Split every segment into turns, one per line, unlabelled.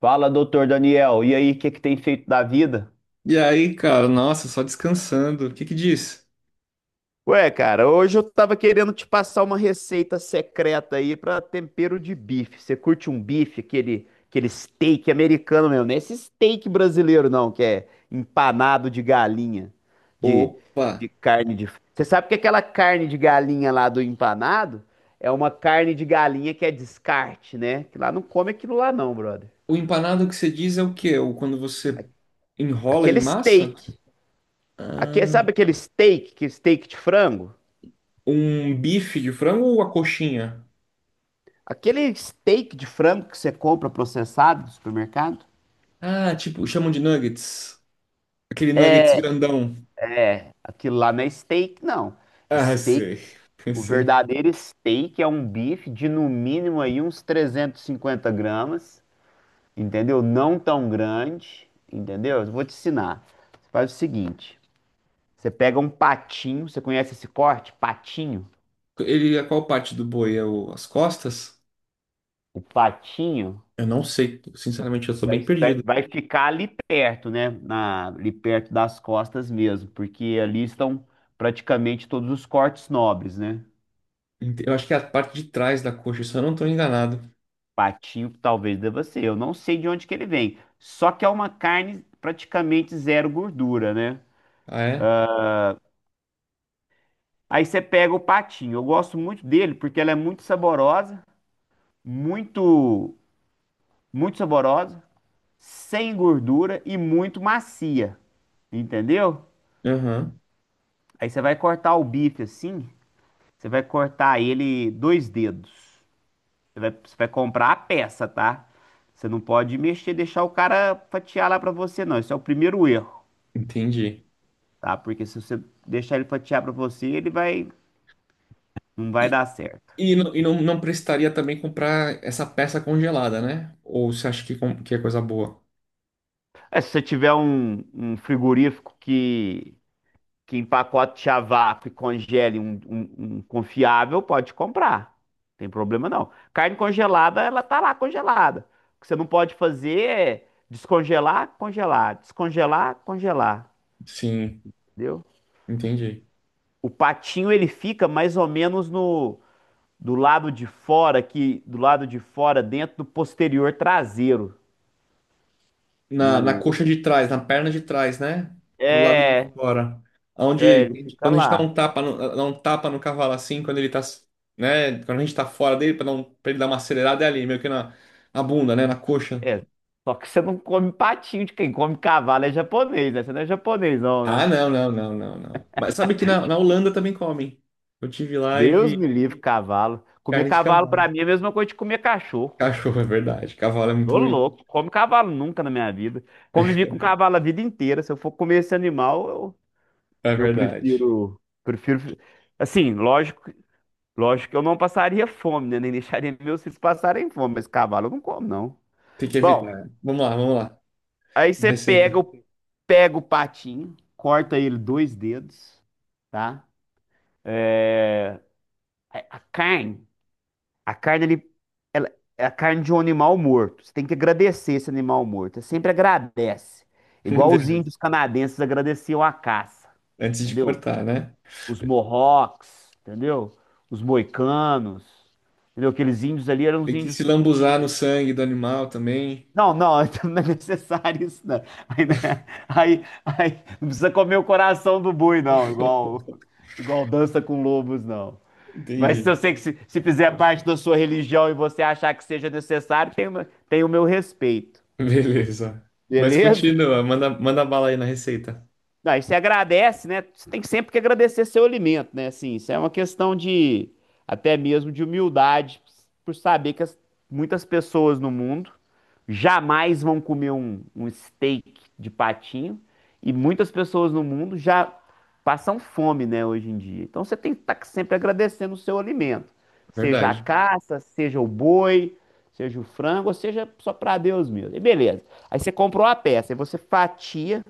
Fala, doutor Daniel. E aí, o que que tem feito da vida?
E aí, cara, nossa, só descansando. O que que diz?
Ué, cara, hoje eu tava querendo te passar uma receita secreta aí pra tempero de bife. Você curte um bife, aquele steak americano mesmo, não é esse steak brasileiro não, que é empanado de galinha, de,
Opa!
de carne de. Você sabe que aquela carne de galinha lá do empanado é uma carne de galinha que é descarte, né? Que lá não come aquilo lá não, brother.
O empanado que você diz é o quê? O quando você enrola em
Aquele
massa?
steak. Aqui,
Ah,
sabe aquele steak, que steak de frango?
um bife de frango ou a coxinha?
Aquele steak de frango que você compra processado do supermercado?
Ah, tipo, chamam de nuggets. Aquele nuggets grandão.
É, aquilo lá não é steak, não.
Ah,
Steak,
sei.
o
Sei.
verdadeiro steak é um bife de no mínimo aí uns 350 gramas, entendeu? Não tão grande, entendeu? Eu vou te ensinar. Você faz o seguinte: você pega um patinho, você conhece esse corte? Patinho.
Ele é qual parte do boi? É as costas?
O patinho.
Eu não sei. Sinceramente, eu sou
Vai,
bem
vai
perdido.
vai ficar ali perto, né? Ali perto das costas mesmo, porque ali estão praticamente todos os cortes nobres, né?
Eu acho que é a parte de trás da coxa, se eu não tô enganado.
Patinho talvez deva ser, eu não sei de onde que ele vem. Só que é uma carne praticamente zero gordura, né?
Ah, é?
Aí você pega o patinho, eu gosto muito dele porque ela é muito saborosa, muito, muito saborosa, sem gordura e muito macia, entendeu?
Aham,
Aí você vai cortar o bife assim. Você vai cortar ele dois dedos. Você vai comprar a peça, tá? Você não pode mexer, deixar o cara fatiar lá pra você, não. Esse é o primeiro erro,
entendi.
tá? Porque se você deixar ele fatiar pra você, ele vai, não vai dar certo.
E não, não precisaria também comprar essa peça congelada, né? Ou você acha que é coisa boa?
É, se você tiver um frigorífico que empacote a vácuo e congele um confiável, pode comprar. Não tem problema não. Carne congelada, ela tá lá congelada. O que você não pode fazer é descongelar, congelar,
Sim,
entendeu?
entendi.
O patinho ele fica mais ou menos no do lado de fora aqui, do lado de fora dentro do posterior traseiro
Na
do
coxa de trás, na perna de trás, né? Pro lado de
é,
fora. Onde,
ele fica
quando a gente dá
lá.
um tapa no, dá um tapa no cavalo assim, quando ele tá, né? Quando a gente tá fora dele, pra, não, pra ele dar uma acelerada, é ali, na bunda, né? Na coxa.
É, só que você não come patinho de quem come cavalo é japonês, né? Você não é japonês não,
Ah,
né?
não, não, não, não, não. Mas sabe que na Holanda também comem. Eu tive lá e
Deus me
vi
livre, cavalo. Comer
carne de
cavalo
cavalo.
pra mim é a mesma coisa de comer cachorro.
Cachorro, é verdade. Cavalo é muito
Tô
bonito.
louco, come cavalo nunca na minha vida. Convivi com cavalo a vida inteira. Se eu for comer esse animal,
É
eu
verdade.
prefiro, prefiro. Assim, lógico, lógico que eu não passaria fome, né? Nem deixaria meus filhos passarem fome, mas cavalo eu não como, não.
Tem que evitar,
Bom,
né? Vamos lá, vamos lá.
aí
Uma
você
receita.
pega o patinho, corta ele dois dedos, tá? A carne. A carne, ela, é a carne de um animal morto. Você tem que agradecer esse animal morto. Você sempre agradece. Igual os
Beleza.
índios canadenses agradeciam a caça,
Antes de
entendeu?
cortar, né?
Os Mohawks, entendeu? Os moicanos, entendeu? Aqueles índios ali eram os
Tem que se
índios que
lambuzar no
tinham.
sangue do animal também.
Não, não, não é necessário isso, não. Aí, né? Aí, não precisa comer o coração do boi, não, igual, igual dança com lobos, não. Mas se
Entendi.
eu sei que se fizer parte da sua religião e você achar que seja necessário, tem o meu respeito.
Beleza. Mas
Beleza?
continua, manda bala aí na receita.
Não, e você agradece, né? Você tem sempre que agradecer seu alimento, né? Assim, isso é uma questão de até mesmo de humildade, por saber que muitas pessoas no mundo jamais vão comer um steak de patinho e muitas pessoas no mundo já passam fome, né, hoje em dia. Então você tem que estar sempre agradecendo o seu alimento, seja a
Verdade.
caça, seja o boi, seja o frango, ou seja só para Deus mesmo. E beleza. Aí você comprou a peça, aí você fatia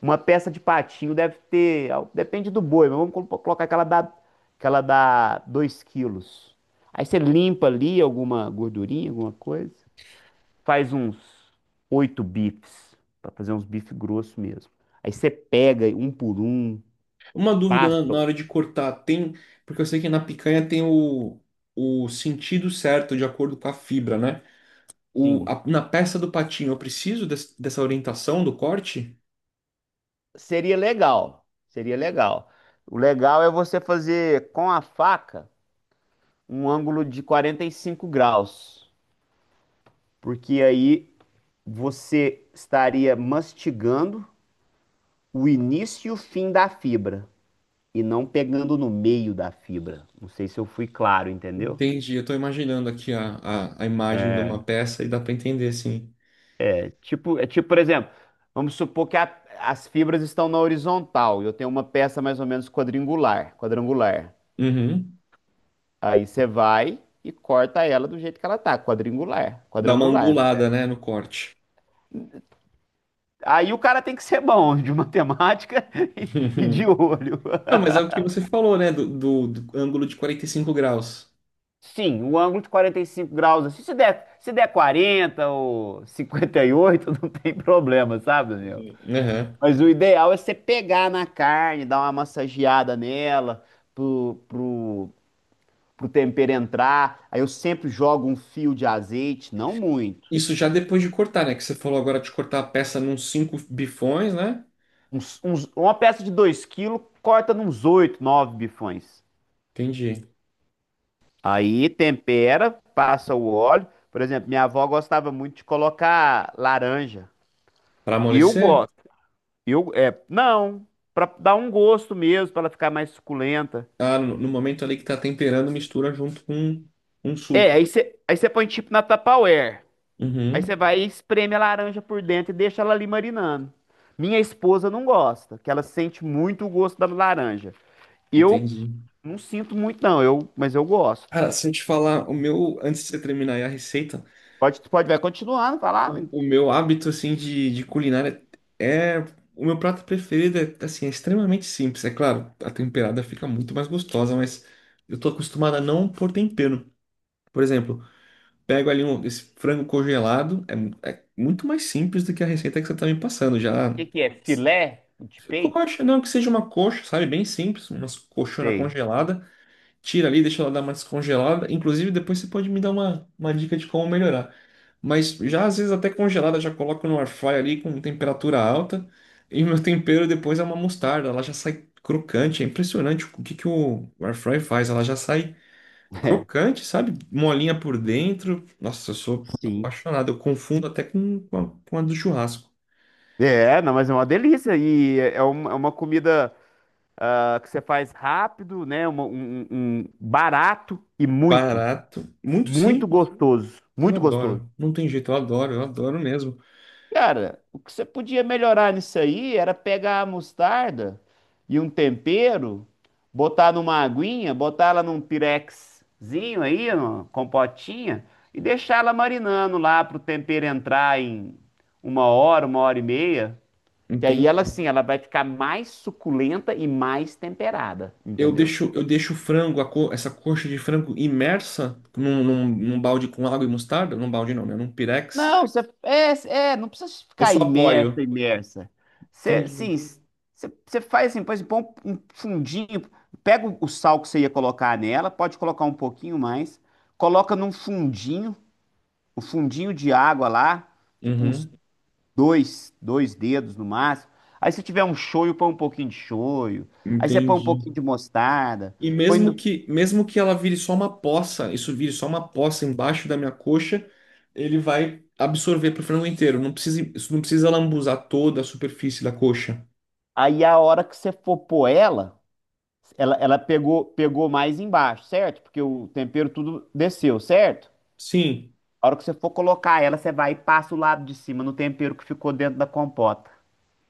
uma peça de patinho deve ter, depende do boi, mas vamos colocar aquela dá 2 quilos. Aí você limpa ali alguma gordurinha, alguma coisa, faz uns oito bifes, para fazer uns bifes grossos mesmo. Aí você pega um por um,
Uma dúvida
passa,
na hora de cortar, tem. Porque eu sei que na picanha tem o sentido certo de acordo com a fibra, né?
sim.
Na peça do patinho, eu preciso dessa orientação do corte?
Seria legal, seria legal. O legal é você fazer com a faca um ângulo de 45 graus, porque aí você estaria mastigando o início e o fim da fibra e não pegando no meio da fibra. Não sei se eu fui claro, entendeu?
Entendi, eu tô imaginando aqui a imagem de uma peça e dá para entender, sim.
É tipo, por exemplo, vamos supor que as fibras estão na horizontal e eu tenho uma peça mais ou menos quadrangular, quadrangular.
Uhum.
Aí você vai e corta ela do jeito que ela tá, quadrangular,
Dá uma
quadrangular. Né?
angulada, né, no corte.
Aí o cara tem que ser bom de matemática e de olho.
Ah, mas é o que você falou, né, do ângulo de 45 graus.
Sim, o ângulo de 45 graus, assim, se der 40 ou 58, não tem problema, sabe, Daniel?
Uhum. Uhum.
Mas o ideal é você pegar na carne, dar uma massageada nela, pro, pro, pro tempero entrar. Aí eu sempre jogo um fio de azeite, não muito.
Isso já depois de cortar, né, que você falou agora de cortar a peça num cinco bifões, né?
Uma peça de 2 quilos, corta nos 8, 9 bifões.
Entendi.
Aí tempera, passa o óleo. Por exemplo, minha avó gostava muito de colocar laranja.
Para
Eu
amolecer?
gosto. Não, pra dar um gosto mesmo, pra ela ficar mais suculenta.
Ah, no momento ali que tá temperando, mistura junto com um
É.
suco.
Aí você põe tipo na Tupperware. Aí você
Uhum.
vai e espreme a laranja por dentro e deixa ela ali marinando. Minha esposa não gosta, que ela sente muito o gosto da laranja. Eu
Entendi.
não sinto muito não, mas eu gosto.
Cara, se eu te falar, o meu, antes de você terminar aí a receita.
Pode, pode, vai continuando, falar. O
O meu hábito, assim, de culinária é... O meu prato preferido é, assim, é extremamente simples. É claro, a temperada fica muito mais gostosa, mas eu tô acostumado a não pôr tempero. Por exemplo, pego ali um, esse frango congelado, é, é muito mais simples do que a receita que você tá me passando. Já
que que é? Filé de peito?
coxa, não, que seja uma coxa, sabe? Bem simples, uma coxona
Sei.
congelada, tira ali, deixa ela dar uma descongelada. Inclusive, depois você pode me dar uma dica de como melhorar. Mas já às vezes até congelada, já coloco no air fry ali com temperatura alta. E meu tempero depois é uma mostarda, ela já sai crocante. É impressionante o que que o air fry faz. Ela já sai crocante, sabe? Molinha por dentro. Nossa, eu sou
É, sim.
apaixonado. Eu confundo até com, com a do churrasco.
É, não, mas é uma delícia e é uma comida que você faz rápido, né? Um barato e muito,
Barato, muito
muito
simples.
gostoso,
Eu
muito gostoso.
adoro. Não tem jeito, eu adoro mesmo.
Cara, o que você podia melhorar nisso aí era pegar a mostarda e um tempero, botar numa aguinha, botar ela num pirexzinho aí, numa compotinha, e deixar ela marinando lá pro tempero entrar em 1 hora, 1 hora e meia. Que aí ela,
Entende?
assim, ela vai ficar mais suculenta e mais temperada, entendeu?
Eu deixo o frango, essa coxa de frango imersa num, num, num balde com água e mostarda? Num balde não, né? Num pirex.
Não, não precisa
Ou
ficar
só
imersa,
apoio?
imersa. Você,
Entendi.
sim, você faz assim, por exemplo, põe um fundinho, pega o sal que você ia colocar nela, pode colocar um pouquinho mais, coloca num fundinho, um fundinho de água lá, tipo uns
Uhum,
dois dedos no máximo. Aí se tiver um shoyu, põe um pouquinho de shoyu. Aí você põe um
entendi.
pouquinho de mostarda,
E
põe do-
mesmo que ela vire só uma poça, isso vire só uma poça embaixo da minha coxa, ele vai absorver pro frango inteiro. Não precisa, isso não precisa lambuzar toda a superfície da coxa.
aí a hora que você for pôr ela. Ela pegou, pegou mais embaixo, certo? Porque o tempero tudo desceu, certo?
Sim.
A hora que você for colocar ela, você vai e passa o lado de cima no tempero que ficou dentro da compota.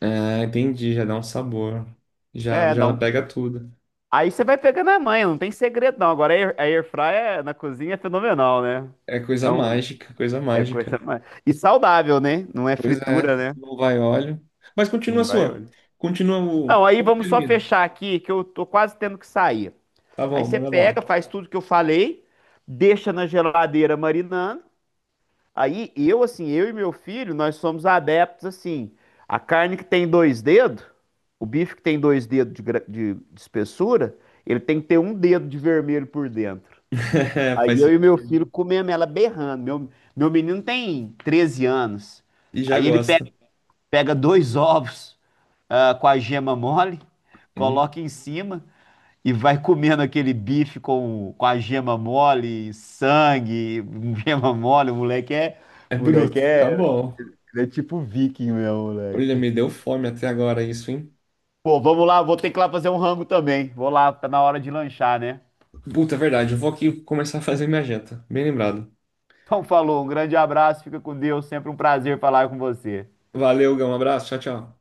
Ah, entendi, já dá um sabor. Já,
É,
já
dá
ela
um.
pega tudo.
Aí você vai pegando a manha, não tem segredo não. Agora a air fryer na cozinha é fenomenal, né?
É coisa
É um
mágica, coisa
é coisa
mágica.
mais e saudável, né? Não é
Pois
fritura,
é,
né?
não vai óleo. Mas continua a
Não vai
sua.
olho.
Continua o.
Não, aí
Como
vamos só
termina?
fechar aqui que eu tô quase tendo que sair.
Tá
Aí
bom,
você
manda
pega,
bala.
faz tudo que eu falei, deixa na geladeira marinando. Aí assim, eu e meu filho, nós somos adeptos, assim, a carne que tem dois dedos, o bife que tem dois dedos de espessura, ele tem que ter um dedo de vermelho por dentro.
É, faz
Aí eu e meu filho
sentido.
comemos ela berrando. Meu menino tem 13 anos.
E já
Aí
gosta.
pega, dois ovos, com a gema mole,
Hum,
coloca em cima e vai comendo aquele bife com a gema mole, sangue, gema mole.
é
O
bruto,
moleque é
fica bom.
ele é tipo viking, meu
Olha,
moleque.
me deu fome até agora isso, hein?
Pô, vamos lá, vou ter que ir lá fazer um rango também. Vou lá, tá na hora de lanchar, né?
Puta, é verdade. Eu vou aqui começar a fazer minha janta. Bem lembrado.
Então falou, um grande abraço, fica com Deus, sempre um prazer falar com você.
Valeu, Gão. Um abraço. Tchau, tchau.